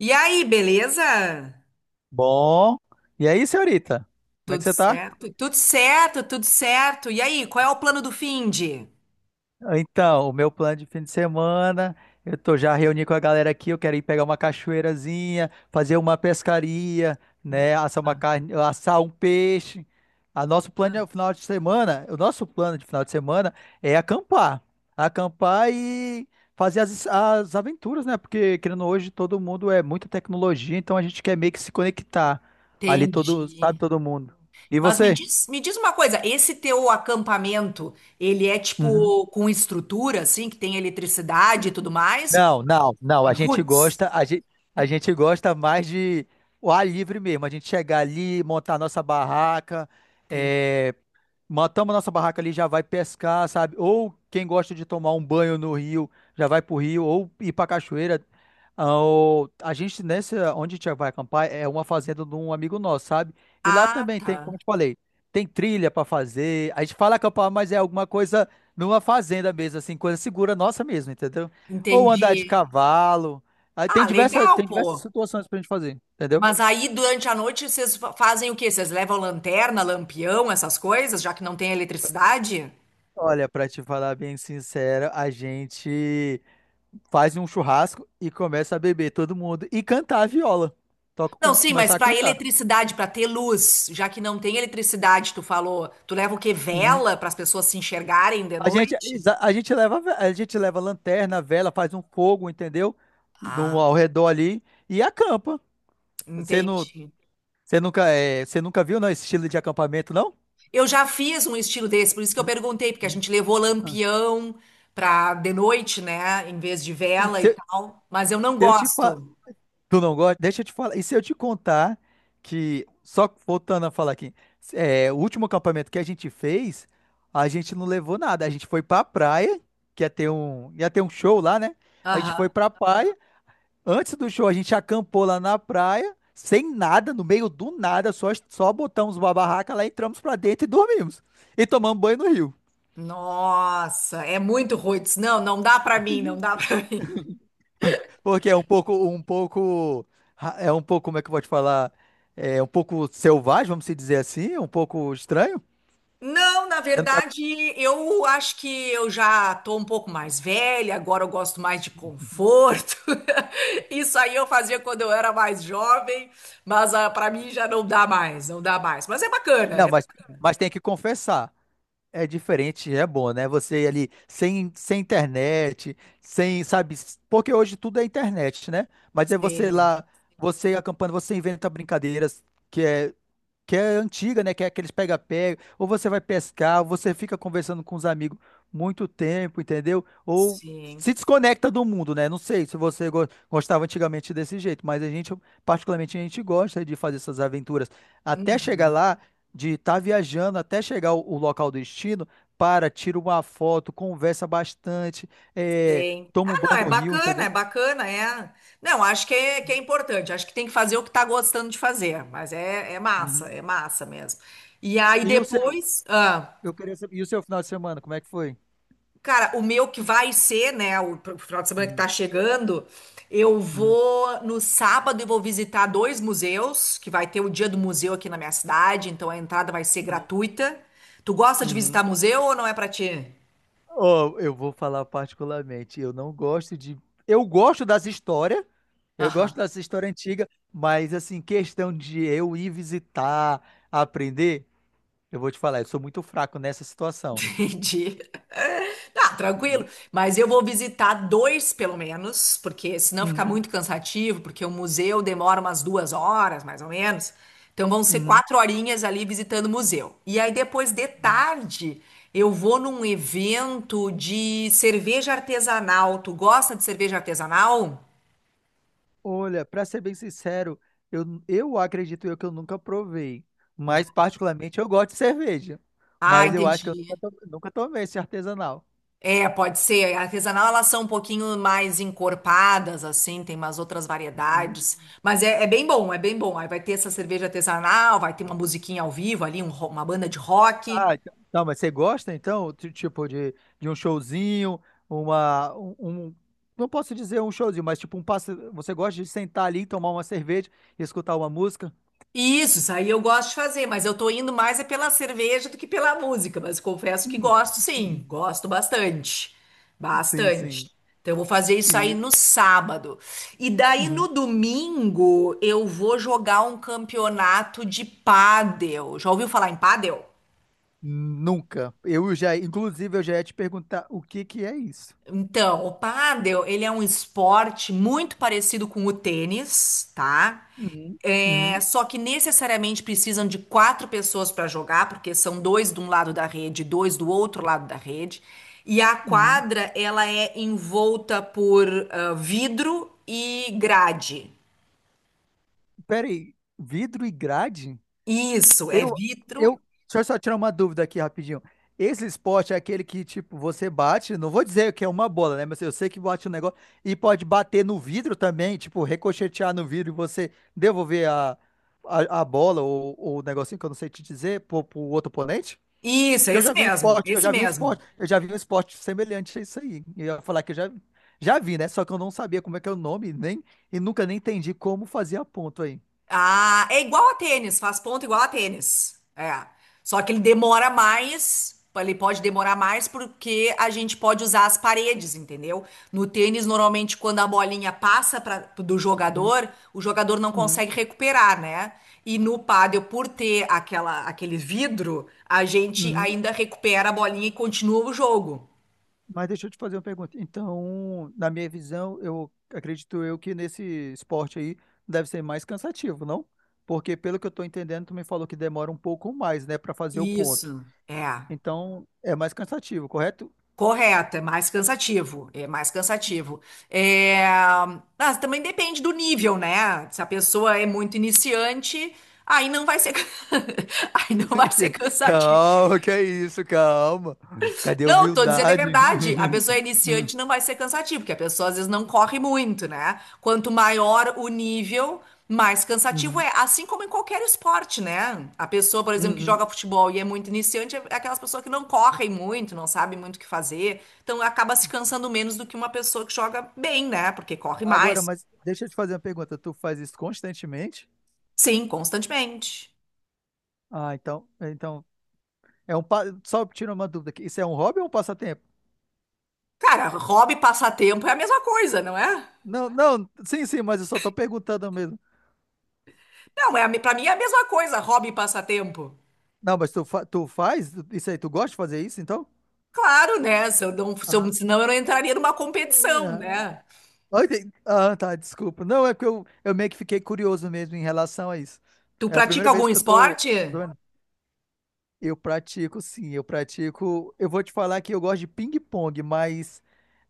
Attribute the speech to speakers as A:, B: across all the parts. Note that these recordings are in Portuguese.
A: E aí, beleza?
B: Bom. E aí, senhorita? Como é que
A: Tudo
B: você tá?
A: certo? Tudo certo, tudo certo. E aí, qual é o plano do finde?
B: Então, o meu plano de fim de semana, eu tô já reuni com a galera aqui, eu quero ir pegar uma cachoeirazinha, fazer uma pescaria,
A: Boa.
B: né, assar uma carne, assar um peixe. A nosso
A: Boa.
B: plano de final de semana, o nosso plano de final de semana é acampar. Acampar e fazer as aventuras, né? Porque querendo hoje todo mundo é muita tecnologia, então a gente quer meio que se conectar ali todo, sabe,
A: Entendi.
B: todo mundo. E
A: Mas
B: você?
A: me diz uma coisa, esse teu acampamento, ele é
B: Uhum.
A: tipo com estrutura, assim, que tem eletricidade e tudo mais?
B: Não, não, não.
A: É Roots.
B: A gente gosta mais de o ar livre mesmo. A gente chegar ali, montar nossa barraca,
A: Tem.
B: é, matamos nossa barraca ali, já vai pescar, sabe? Ou quem gosta de tomar um banho no rio, já vai pro rio, ou ir pra cachoeira. Ah, a gente, nessa, onde a gente vai acampar, é uma fazenda de um amigo nosso, sabe? E lá
A: Ah,
B: também tem, como eu
A: tá.
B: te falei, tem trilha pra fazer. A gente fala acampar, mas é alguma coisa numa fazenda mesmo, assim, coisa segura nossa mesmo, entendeu? Ou
A: Entendi.
B: andar de cavalo. Aí tem
A: Ah,
B: diversas,
A: legal,
B: tem diversas
A: pô.
B: situações pra gente fazer, entendeu?
A: Mas aí, durante a noite, vocês fazem o quê? Vocês levam lanterna, lampião, essas coisas, já que não tem eletricidade?
B: Olha, pra te falar bem sincero, a gente. Faz um churrasco e começa a beber todo mundo e cantar a viola. Toca
A: Não,
B: como
A: sim, mas
B: começar a
A: para
B: cantar.
A: eletricidade, para ter luz, já que não tem eletricidade, tu falou, tu leva o quê?
B: Uhum.
A: Vela para as pessoas se enxergarem de
B: A gente,
A: noite?
B: a gente leva lanterna, vela, faz um fogo, entendeu? No, ao
A: Ah,
B: redor ali e acampa. Você não,
A: entendi.
B: você nunca, você nunca viu, não, esse estilo de acampamento, não?
A: Eu já fiz um estilo desse, por isso que eu perguntei, porque a
B: Uhum.
A: gente levou
B: Ah.
A: lampião para de noite, né, em vez de
B: Se,
A: vela e
B: se
A: tal, mas eu não
B: eu te,
A: gosto.
B: tu não gosta? Deixa eu te falar. E se eu te contar que, só voltando a falar aqui, o último acampamento que a gente fez, a gente não levou nada. A gente foi pra praia, que ia ter um show lá, né? A gente foi
A: Aham.
B: pra praia. Antes do show, a gente acampou lá na praia, sem nada, no meio do nada, só botamos uma barraca lá, entramos pra dentro e dormimos. E tomamos banho no rio.
A: Nossa, é muito ruim. Não, não dá para mim, não dá para mim.
B: Porque é é um pouco, como é que eu vou te falar? É um pouco selvagem, vamos se dizer assim, um pouco estranho.
A: Não, na
B: Você Não, tá-
A: verdade, eu acho que eu já tô um pouco mais velha, agora eu gosto mais de conforto. Isso aí eu fazia quando eu era mais jovem, mas para mim já não dá mais, não dá mais. Mas é bacana,
B: não, mas tem que confessar. É diferente, é bom, né? Você ali sem, sem internet, sem, sabe? Porque hoje tudo é internet, né? Mas é você
A: Sim,
B: lá, você acampando, você inventa brincadeiras que é que é antiga, né? Que é aqueles pega-pega, ou você vai pescar, ou você fica conversando com os amigos muito tempo, entendeu? Ou
A: sim.
B: se desconecta do mundo, né? Não sei se você gostava antigamente desse jeito, mas a gente, particularmente, a gente gosta de fazer essas aventuras até
A: Uhum.
B: chegar lá, de estar viajando, até chegar ao, ao local do destino, para, tira uma foto, conversa bastante, é,
A: Sim.
B: toma um
A: Ah, não,
B: banho
A: é
B: no rio,
A: bacana, é
B: entendeu?
A: bacana, é. Não, acho que é importante, acho que tem que fazer o que tá gostando de fazer, mas é,
B: Uhum.
A: é massa mesmo. E aí
B: E o seu?
A: depois. Ah.
B: Eu queria saber, e o seu final de semana, como é que foi?
A: Cara, o meu que vai ser, né, o final de semana que
B: Uhum.
A: tá chegando, eu
B: Uhum.
A: vou no sábado e vou visitar dois museus, que vai ter o dia do museu aqui na minha cidade, então a entrada vai ser
B: Uhum.
A: gratuita. Tu gosta de
B: Uhum.
A: visitar museu ou não é pra ti?
B: Ó, eu vou falar particularmente, eu não gosto de. Eu gosto das histórias, eu gosto
A: Aham.
B: das histórias antigas, mas assim, questão de eu ir visitar, aprender, eu vou te falar, eu sou muito fraco nessa situação.
A: Entendi. Tá,
B: Uhum,
A: tranquilo. Mas eu vou visitar dois, pelo menos, porque senão fica
B: uhum,
A: muito cansativo, porque o museu demora umas 2 horas, mais ou menos. Então vão ser 4 horinhas ali visitando o museu. E aí depois de
B: uhum.
A: tarde eu vou num evento de cerveja artesanal. Tu gosta de cerveja artesanal?
B: Olha, pra ser bem sincero, eu acredito eu que eu nunca provei, mas particularmente eu gosto de cerveja,
A: Ah,
B: mas eu acho que eu
A: entendi.
B: nunca, nunca tomei esse artesanal.
A: É, pode ser. A artesanal, elas são um pouquinho mais encorpadas, assim, tem umas outras variedades. Mas é, é bem bom, é bem bom. Aí vai ter essa cerveja artesanal, vai ter uma musiquinha ao vivo ali, uma banda de rock.
B: Ah, então, tá, mas você gosta então, tipo, de um showzinho, uma, um, um- não posso dizer um showzinho, mas tipo um passe, você gosta de sentar ali, tomar uma cerveja e escutar uma música?
A: Isso aí eu gosto de fazer, mas eu tô indo mais é pela cerveja do que pela música, mas confesso que gosto sim,
B: Uhum.
A: gosto bastante,
B: Sim, sim.
A: bastante. Então eu vou fazer isso aí
B: E
A: no sábado. E daí no
B: uhum.
A: domingo eu vou jogar um campeonato de pádel. Já ouviu falar em pádel?
B: Nunca. Eu já, inclusive, eu já ia te perguntar o que que é isso.
A: Então, o pádel, ele é um esporte muito parecido com o tênis, tá?
B: Uhum.
A: É,
B: Uhum.
A: só que necessariamente precisam de quatro pessoas para jogar, porque são dois de um lado da rede, dois do outro lado da rede. E a
B: Uhum.
A: quadra, ela é envolta por vidro e grade.
B: Peraí, vidro e grade?
A: Isso, é
B: Eu, eu,
A: vidro.
B: deixa eu só tirar uma dúvida aqui rapidinho. Esse esporte é aquele que, tipo, você bate, não vou dizer que é uma bola, né? Mas eu sei que bate um negócio e pode bater no vidro também, tipo, ricochetear no vidro e você devolver a bola ou o negocinho que eu não sei te dizer pro, pro outro oponente?
A: Isso, é
B: Porque eu
A: esse
B: já vi um
A: mesmo,
B: esporte, eu
A: esse
B: já vi um
A: mesmo.
B: esporte, eu já vi um esporte semelhante a isso aí. E eu ia falar que eu já, já vi, né? Só que eu não sabia como é que é o nome, nem, e nunca nem entendi como fazer a ponto aí.
A: Ah, é igual a tênis, faz ponto igual a tênis. É. Só que ele demora mais, ele pode demorar mais porque a gente pode usar as paredes, entendeu? No tênis, normalmente, quando a bolinha passa pra, do
B: Uhum,
A: jogador, o jogador não
B: uhum,
A: consegue recuperar, né? E no pádel, por ter aquela, aquele vidro, a gente
B: uhum.
A: ainda recupera a bolinha e continua o jogo.
B: Mas deixa eu te fazer uma pergunta. Então, na minha visão, eu acredito eu que nesse esporte aí deve ser mais cansativo, não? Porque pelo que eu tô entendendo, tu me falou que demora um pouco mais, né, para fazer o ponto.
A: Isso. É.
B: Então, é mais cansativo, correto?
A: Correto, é mais cansativo, é mais cansativo. É, mas também depende do nível, né? Se a pessoa é muito iniciante, aí não vai ser, aí não vai ser cansativo.
B: Calma, que é isso, calma. Cadê a
A: Não, tô dizendo é
B: humildade?
A: verdade. A pessoa iniciante não vai ser cansativa, porque a pessoa às vezes não corre muito, né? Quanto maior o nível, mais cansativo
B: Uhum,
A: é. Assim como em qualquer esporte, né? A pessoa, por exemplo, que
B: uhum.
A: joga futebol e é muito iniciante, é aquelas pessoas que não correm muito, não sabem muito o que fazer. Então acaba se cansando menos do que uma pessoa que joga bem, né? Porque corre
B: Agora,
A: mais.
B: mas deixa eu te fazer uma pergunta. Tu faz isso constantemente?
A: Sim, constantemente.
B: Ah, então é um só tira uma dúvida aqui. Isso é um hobby ou um passatempo?
A: Cara, hobby e passatempo é a mesma coisa, não é?
B: Não, não, sim, sim, mas eu só tô perguntando mesmo.
A: Não, é pra mim é a mesma coisa, hobby e passatempo.
B: Não, mas tu, tu faz isso aí, tu gosta de fazer isso, então?
A: Claro, né? Se eu não, se
B: Ah,
A: eu, senão eu não entraria numa competição, né?
B: ah, entendi. Ah, tá, desculpa. Não, é porque eu meio que fiquei curioso mesmo em relação a isso.
A: Tu
B: É a primeira
A: pratica
B: vez
A: algum
B: que eu tô.
A: esporte?
B: Doendo. Eu pratico, sim, eu pratico. Eu vou te falar que eu gosto de ping-pong, mas,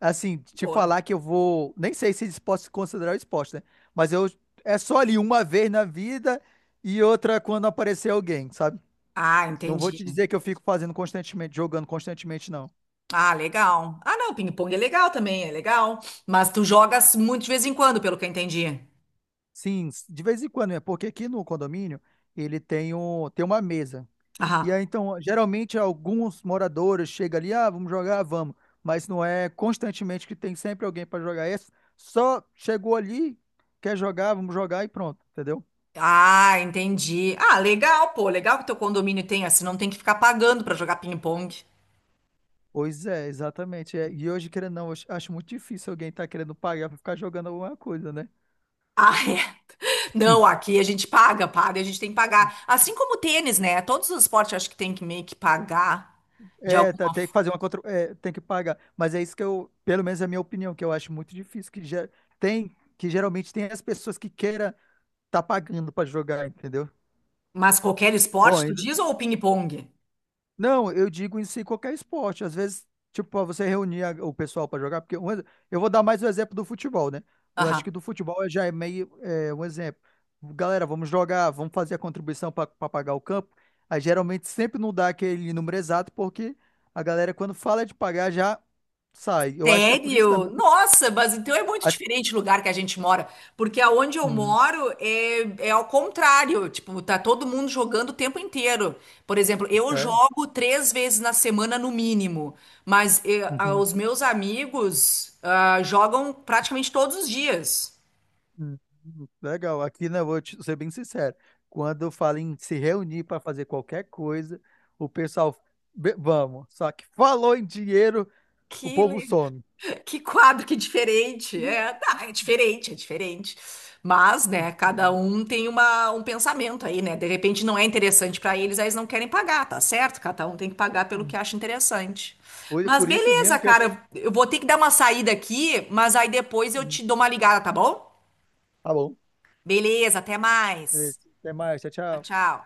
B: assim, te
A: Boa.
B: falar que eu vou. Nem sei se isso pode se considerar esporte, né? Mas eu. É só ali uma vez na vida e outra quando aparecer alguém, sabe?
A: Ah,
B: Não vou
A: entendi.
B: te dizer que eu fico fazendo constantemente, jogando constantemente, não.
A: Ah, legal. Ah, não, ping-pong é legal também, é legal. Mas tu jogas muito de vez em quando, pelo que eu entendi.
B: Sim, de vez em quando, é porque aqui no condomínio ele tem, um, tem uma mesa. E
A: Aham.
B: aí, então, geralmente alguns moradores chegam ali, ah, vamos jogar, vamos. Mas não é constantemente que tem sempre alguém para jogar isso. Só chegou ali, quer jogar, vamos jogar e pronto, entendeu?
A: Ah, entendi. Ah, legal, pô. Legal que teu condomínio tem, assim, não tem que ficar pagando pra jogar ping-pong.
B: Pois é, exatamente. É. E hoje, querendo ou não, eu acho muito difícil alguém estar querendo pagar para ficar jogando alguma coisa, né?
A: Ah, é. Não, aqui a gente paga, paga, a gente tem que pagar. Assim como o tênis, né? Todos os esportes eu acho que tem que meio que pagar de alguma.
B: Tem que fazer uma contra... é, tem que pagar. Mas é isso que eu, pelo menos é a minha opinião, que eu acho muito difícil, que já tem, que geralmente tem as pessoas que queira tá pagando para jogar, entendeu?
A: Mas qualquer esporte, tu
B: Bom,
A: diz, ou ping-pong?
B: não, eu digo em si qualquer esporte. Às vezes, tipo, pra você reunir o pessoal para jogar, porque eu vou dar mais o exemplo do futebol, né? Eu acho
A: Aham.
B: que do futebol já é meio é, um exemplo. Galera, vamos jogar, vamos fazer a contribuição para pagar o campo. Aí geralmente sempre não dá aquele número exato, porque a galera, quando fala de pagar, já sai. Eu acho que é por isso
A: Sério?
B: também. Que-
A: Nossa, mas então é muito
B: Acho...
A: diferente o lugar que a gente mora, porque aonde eu
B: Uhum,
A: moro é, é ao contrário, tipo, tá todo mundo jogando o tempo inteiro. Por exemplo, eu
B: é.
A: jogo 3 vezes na semana no mínimo, mas
B: Uhum.
A: os meus amigos jogam praticamente todos os dias.
B: Hum, legal. Aqui, né, eu vou ser bem sincero. Quando eu falo em se reunir para fazer qualquer coisa, o pessoal, vamos. Só que falou em dinheiro, o povo
A: Que
B: some.
A: Que quadro, que diferente. É, tá, é diferente, é diferente. Mas, né, cada um tem uma, um pensamento aí, né? De repente não é interessante pra eles, aí eles não querem pagar, tá certo? Cada um tem que pagar pelo que acha interessante.
B: Por
A: Mas
B: por isso
A: beleza,
B: mesmo que eu.
A: cara, eu vou ter que dar uma saída aqui, mas aí depois eu te dou uma ligada, tá bom?
B: Tá bom.
A: Beleza, até
B: Beleza.
A: mais.
B: Até mais. Tchau,
A: Tchau,
B: tchau.
A: tchau.